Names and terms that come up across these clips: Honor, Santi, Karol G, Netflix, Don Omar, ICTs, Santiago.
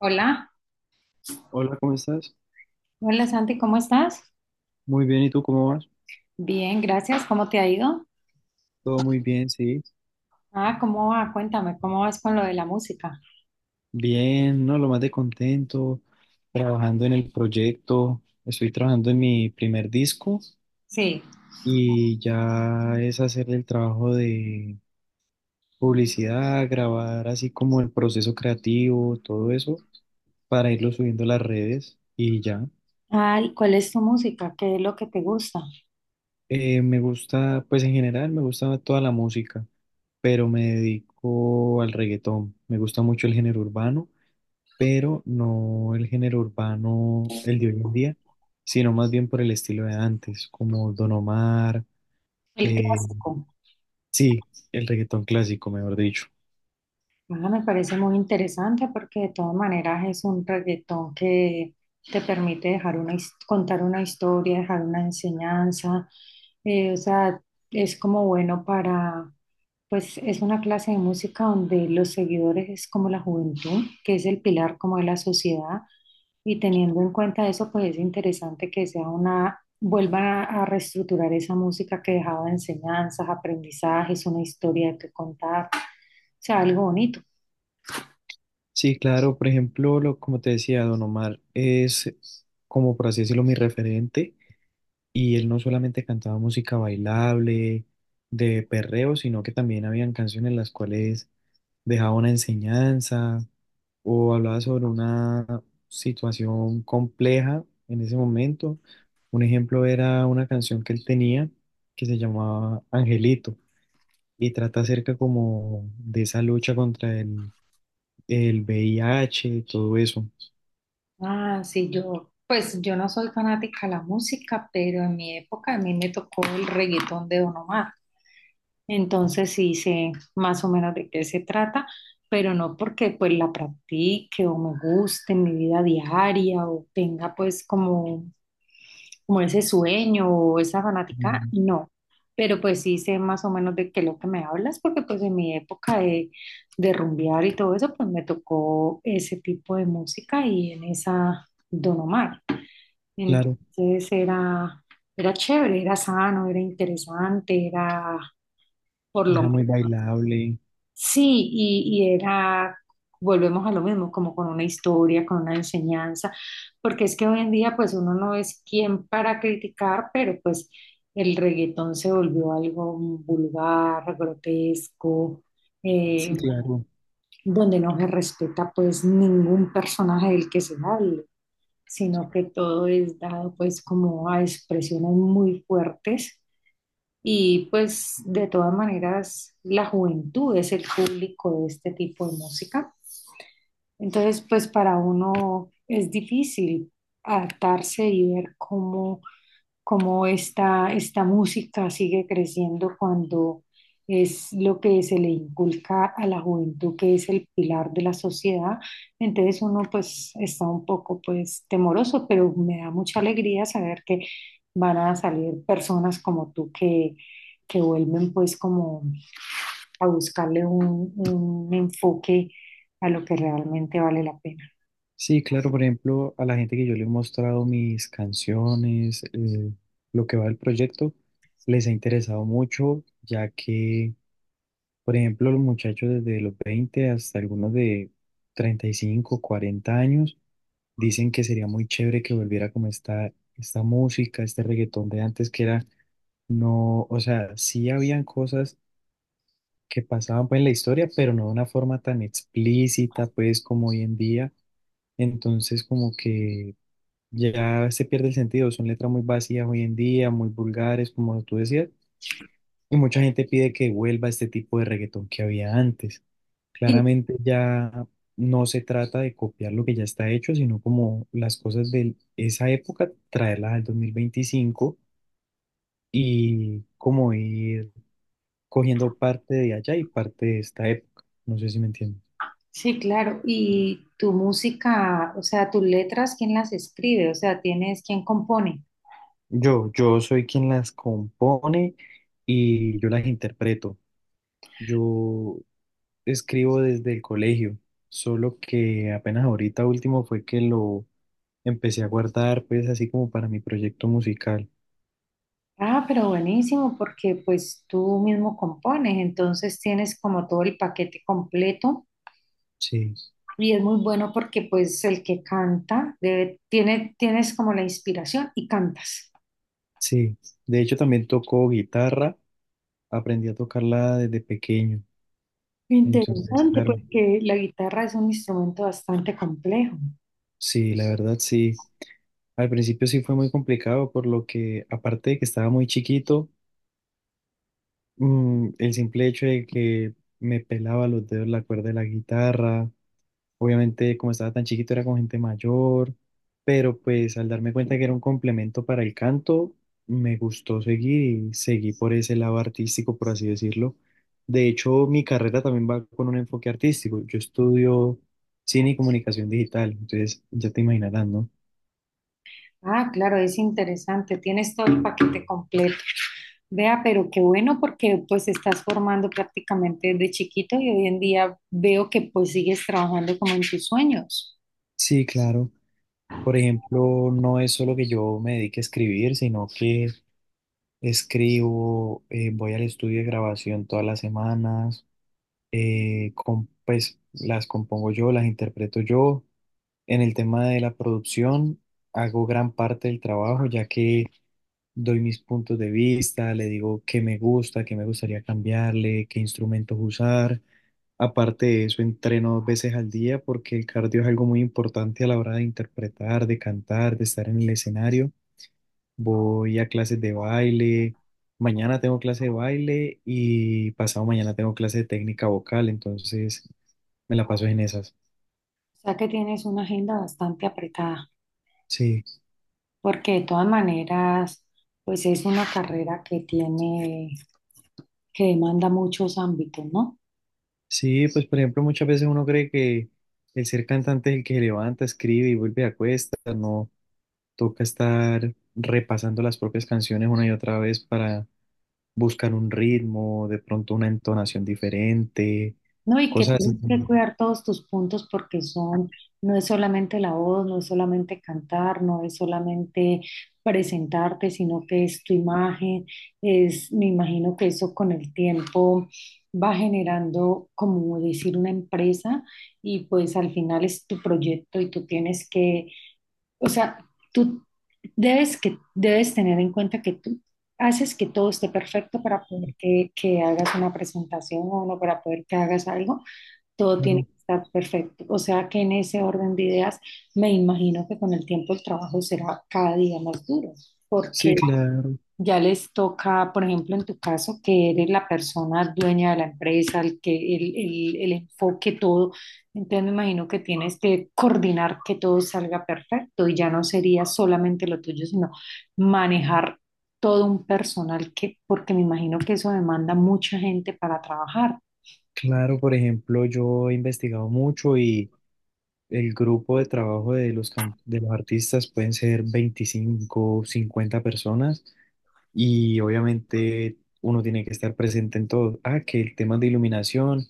Hola, Hola, ¿cómo estás? hola Santi, ¿cómo estás? Muy bien, ¿y tú cómo vas? Bien, gracias. ¿Cómo te ha ido? Todo muy bien, sí. Ah, ¿cómo va? Cuéntame, ¿cómo vas con lo de la música? Bien, no, lo más de contento, trabajando en el proyecto. Estoy trabajando en mi primer disco Sí. y ya es hacer el trabajo de publicidad, grabar así como el proceso creativo, todo eso, para irlo subiendo a las redes y ya. Ay, ¿cuál es tu música? ¿Qué es lo que te gusta? Me gusta, pues en general me gusta toda la música, pero me dedico al reggaetón. Me gusta mucho el género urbano, pero no el género urbano el de hoy en día, sino más bien por el estilo de antes, como Don Omar, El eh, clásico. sí, el reggaetón clásico, mejor dicho. Ah, me parece muy interesante porque de todas maneras es un reggaetón que te permite dejar contar una historia, dejar una enseñanza. O sea, es como bueno para, pues es una clase de música donde los seguidores es como la juventud, que es el pilar como de la sociedad, y teniendo en cuenta eso, pues es interesante que sea vuelvan a reestructurar esa música que dejaba enseñanzas, aprendizajes, una historia que contar, o sea, algo bonito. Sí, claro, por ejemplo, como te decía, Don Omar es, como por así decirlo, mi referente, y él no solamente cantaba música bailable, de perreo, sino que también habían canciones las cuales dejaba una enseñanza, o hablaba sobre una situación compleja en ese momento. Un ejemplo era una canción que él tenía, que se llamaba Angelito, y trata acerca como de esa lucha contra el VIH y todo eso. Ah, sí, pues yo no soy fanática de la música, pero en mi época a mí me tocó el reggaetón de Don Omar. Entonces sí sé más o menos de qué se trata, pero no porque pues la practique o me guste en mi vida diaria o tenga pues como ese sueño o esa fanática, Mm. no. Pero pues sí sé más o menos de qué es lo que me hablas, porque pues en mi época de rumbear y todo eso, pues me tocó ese tipo de música y en esa Don Omar. Claro, Entonces era chévere, era sano, era interesante, era por era lo. muy bailable. Sí. Y volvemos a lo mismo, como con una historia, con una enseñanza, porque es que hoy en día pues uno no es quien para criticar, pero pues el reggaetón se volvió algo vulgar, grotesco, eh, Sí, claro. donde no se respeta pues ningún personaje del que se hable, sino que todo es dado pues como a expresiones muy fuertes y pues de todas maneras, la juventud es el público de este tipo de música. Entonces, pues para uno es difícil adaptarse y ver cómo esta música sigue creciendo cuando es lo que se le inculca a la juventud, que es el pilar de la sociedad. Entonces uno pues está un poco pues temeroso, pero me da mucha alegría saber que van a salir personas como tú que vuelven pues como a buscarle un enfoque a lo que realmente vale la pena. Sí, claro, por ejemplo, a la gente que yo le he mostrado mis canciones, lo que va del proyecto, les ha interesado mucho, ya que, por ejemplo, los muchachos desde los 20 hasta algunos de 35, 40 años dicen que sería muy chévere que volviera como esta música, este reggaetón de antes que era, no, o sea, sí habían cosas que pasaban pues en la historia, pero no de una forma tan explícita pues como hoy en día. Entonces, como que ya se pierde el sentido, son letras muy vacías hoy en día, muy vulgares, como tú decías, y mucha gente pide que vuelva este tipo de reggaetón que había antes. Y Claramente ya no se trata de copiar lo que ya está hecho, sino como las cosas de esa época, traerlas al 2025 y como ir cogiendo parte de allá y parte de esta época. No sé si me entiendes. Sí, claro. ¿Y tu música, o sea, tus letras, quién las escribe? O sea, tienes quién compone. Yo soy quien las compone y yo las interpreto. Yo escribo desde el colegio, solo que apenas ahorita último fue que lo empecé a guardar, pues así como para mi proyecto musical. Ah, pero buenísimo, porque pues tú mismo compones, entonces tienes como todo el paquete completo Sí. y es muy bueno porque pues el que canta tienes como la inspiración y cantas. Sí, de hecho también tocó guitarra, aprendí a tocarla desde pequeño, entonces Interesante, claro, porque la guitarra es un instrumento bastante complejo. sí, la verdad sí, al principio sí fue muy complicado por lo que, aparte de que estaba muy chiquito, el simple hecho de que me pelaba los dedos la cuerda de la guitarra. Obviamente, como estaba tan chiquito, era con gente mayor, pero pues al darme cuenta que era un complemento para el canto, me gustó seguir y seguí por ese lado artístico, por así decirlo. De hecho, mi carrera también va con un enfoque artístico. Yo estudio cine y comunicación digital, entonces ya te imaginarás, ¿no? Ah, claro, es interesante, tienes todo el paquete completo. Vea, pero qué bueno porque pues estás formando prácticamente desde chiquito y hoy en día veo que pues sigues trabajando como en tus sueños. Sí, claro. Por ejemplo, no es solo que yo me dedique a escribir, sino que escribo, voy al estudio de grabación todas las semanas. Pues las compongo yo, las interpreto yo. En el tema de la producción, hago gran parte del trabajo, ya que doy mis puntos de vista, le digo qué me gusta, qué me gustaría cambiarle, qué instrumentos usar. Aparte de eso, entreno dos veces al día porque el cardio es algo muy importante a la hora de interpretar, de cantar, de estar en el escenario. Voy a clases de baile, mañana tengo clase de baile y pasado mañana tengo clase de técnica vocal, entonces me la paso en esas. O sea que tienes una agenda bastante apretada, Sí. porque de todas maneras pues es una carrera que tiene, que demanda muchos ámbitos, ¿no? Sí, pues por ejemplo, muchas veces uno cree que el ser cantante es el que se levanta, escribe y vuelve a cuesta, no. Toca estar repasando las propias canciones una y otra vez para buscar un ritmo, de pronto una entonación diferente, No, y que cosas tienes así. que cuidar todos tus puntos porque son, no es solamente la voz, no es solamente cantar, no es solamente presentarte, sino que es tu imagen, es, me imagino que eso con el tiempo va generando, como decir, una empresa y pues al final es tu proyecto y tú tienes que, o sea, tú debes tener en cuenta que tú haces que todo esté perfecto para poder que hagas una presentación o no para poder que hagas algo, todo tiene Claro. que estar perfecto. O sea que en ese orden de ideas, me imagino que con el tiempo el trabajo será cada día más duro, porque Sí, claro, ya les toca, por ejemplo, en tu caso, que eres la persona dueña de la empresa, el que el enfoque, todo. Entonces me imagino que tienes que coordinar que todo salga perfecto y ya no sería solamente lo tuyo, sino manejar todo un personal que, porque me imagino que eso demanda mucha gente para trabajar. claro, por ejemplo, yo he investigado mucho. El grupo de trabajo de de los artistas pueden ser 25-50 personas y obviamente uno tiene que estar presente en todo. Ah, que el tema de iluminación,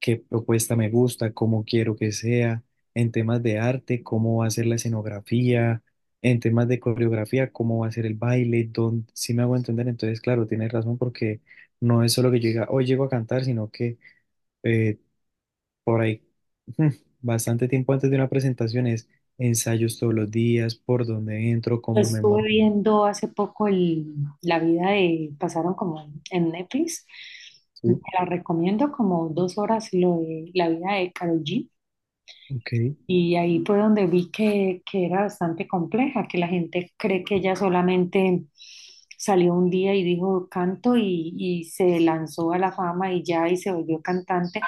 qué propuesta me gusta, cómo quiero que sea, en temas de arte, cómo va a ser la escenografía, en temas de coreografía, cómo va a ser el baile, dónde, si me hago entender. Entonces, claro, tienes razón, porque no es solo que yo diga, hoy llego a cantar, sino que eh, por ahí, mm, bastante tiempo antes de una presentación, es ensayos todos los días, por dónde entro, Yo cómo me estuve muevo. viendo hace poco la vida pasaron como en, Netflix, te Sí, la recomiendo como 2 horas lo de la vida de Karol G. ok, Y ahí fue donde vi que era bastante compleja, que la gente cree que ella solamente salió un día y dijo canto y se lanzó a la fama y ya y se volvió cantante.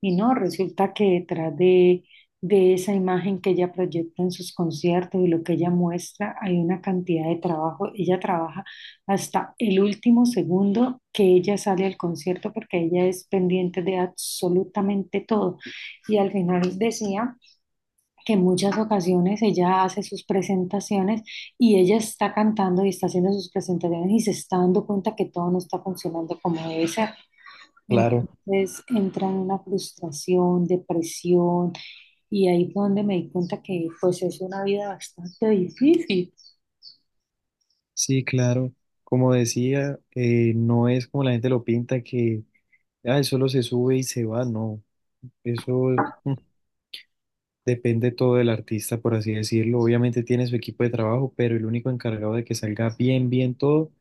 Y no, resulta que detrás de esa imagen que ella proyecta en sus conciertos y lo que ella muestra, hay una cantidad de trabajo. Ella trabaja hasta el último segundo que ella sale al concierto porque ella es pendiente de absolutamente todo. Y al final decía que en muchas ocasiones ella hace sus presentaciones y ella está cantando y está haciendo sus presentaciones y se está dando cuenta que todo no está funcionando como debe ser. claro, Entonces entra en una frustración, depresión y ahí fue donde me di cuenta que pues es una vida bastante difícil. sí, claro. Como decía, no es como la gente lo pinta, que ah, solo se sube y se va, no. Eso mm, depende todo del artista, por así decirlo. Obviamente tiene su equipo de trabajo, pero el único encargado de que salga bien, bien todo,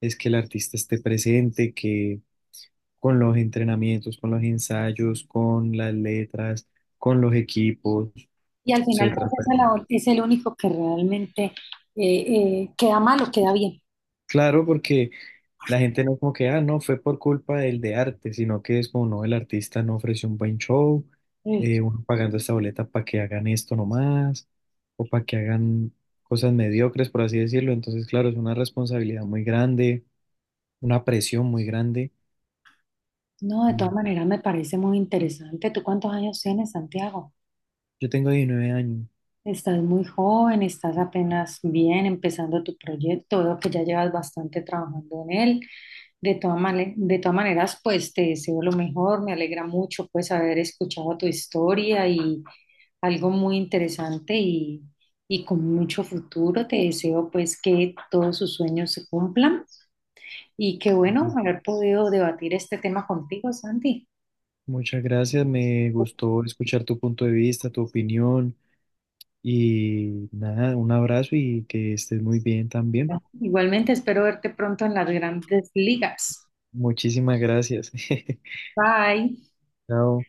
es que el artista esté presente, que con los entrenamientos, con los ensayos, con las letras, con los equipos, Y al final pues etcétera. esa Pero labor es el único que realmente queda mal o queda bien. claro, porque la gente no es como que, ah, no, fue por culpa del de arte, sino que es como, no, el artista no ofreció un buen show, Mm. Uno pagando esta boleta para que hagan esto nomás, o para que hagan cosas mediocres, por así decirlo. Entonces, claro, es una responsabilidad muy grande, una presión muy grande. No, de todas Y maneras me parece muy interesante. ¿Tú cuántos años tienes, Santiago? yo tengo 19 años. Estás muy joven, estás apenas bien empezando tu proyecto, veo que ya llevas bastante trabajando en él. De todas maneras, pues te deseo lo mejor, me alegra mucho pues haber escuchado tu historia y algo muy interesante y con mucho futuro. Te deseo pues que todos sus sueños se cumplan y qué bueno haber podido debatir este tema contigo, Santi. Muchas gracias, me gustó escuchar tu punto de vista, tu opinión. Y nada, un abrazo y que estés muy bien también. Igualmente espero verte pronto en las grandes ligas. Muchísimas gracias. Bye. Chao.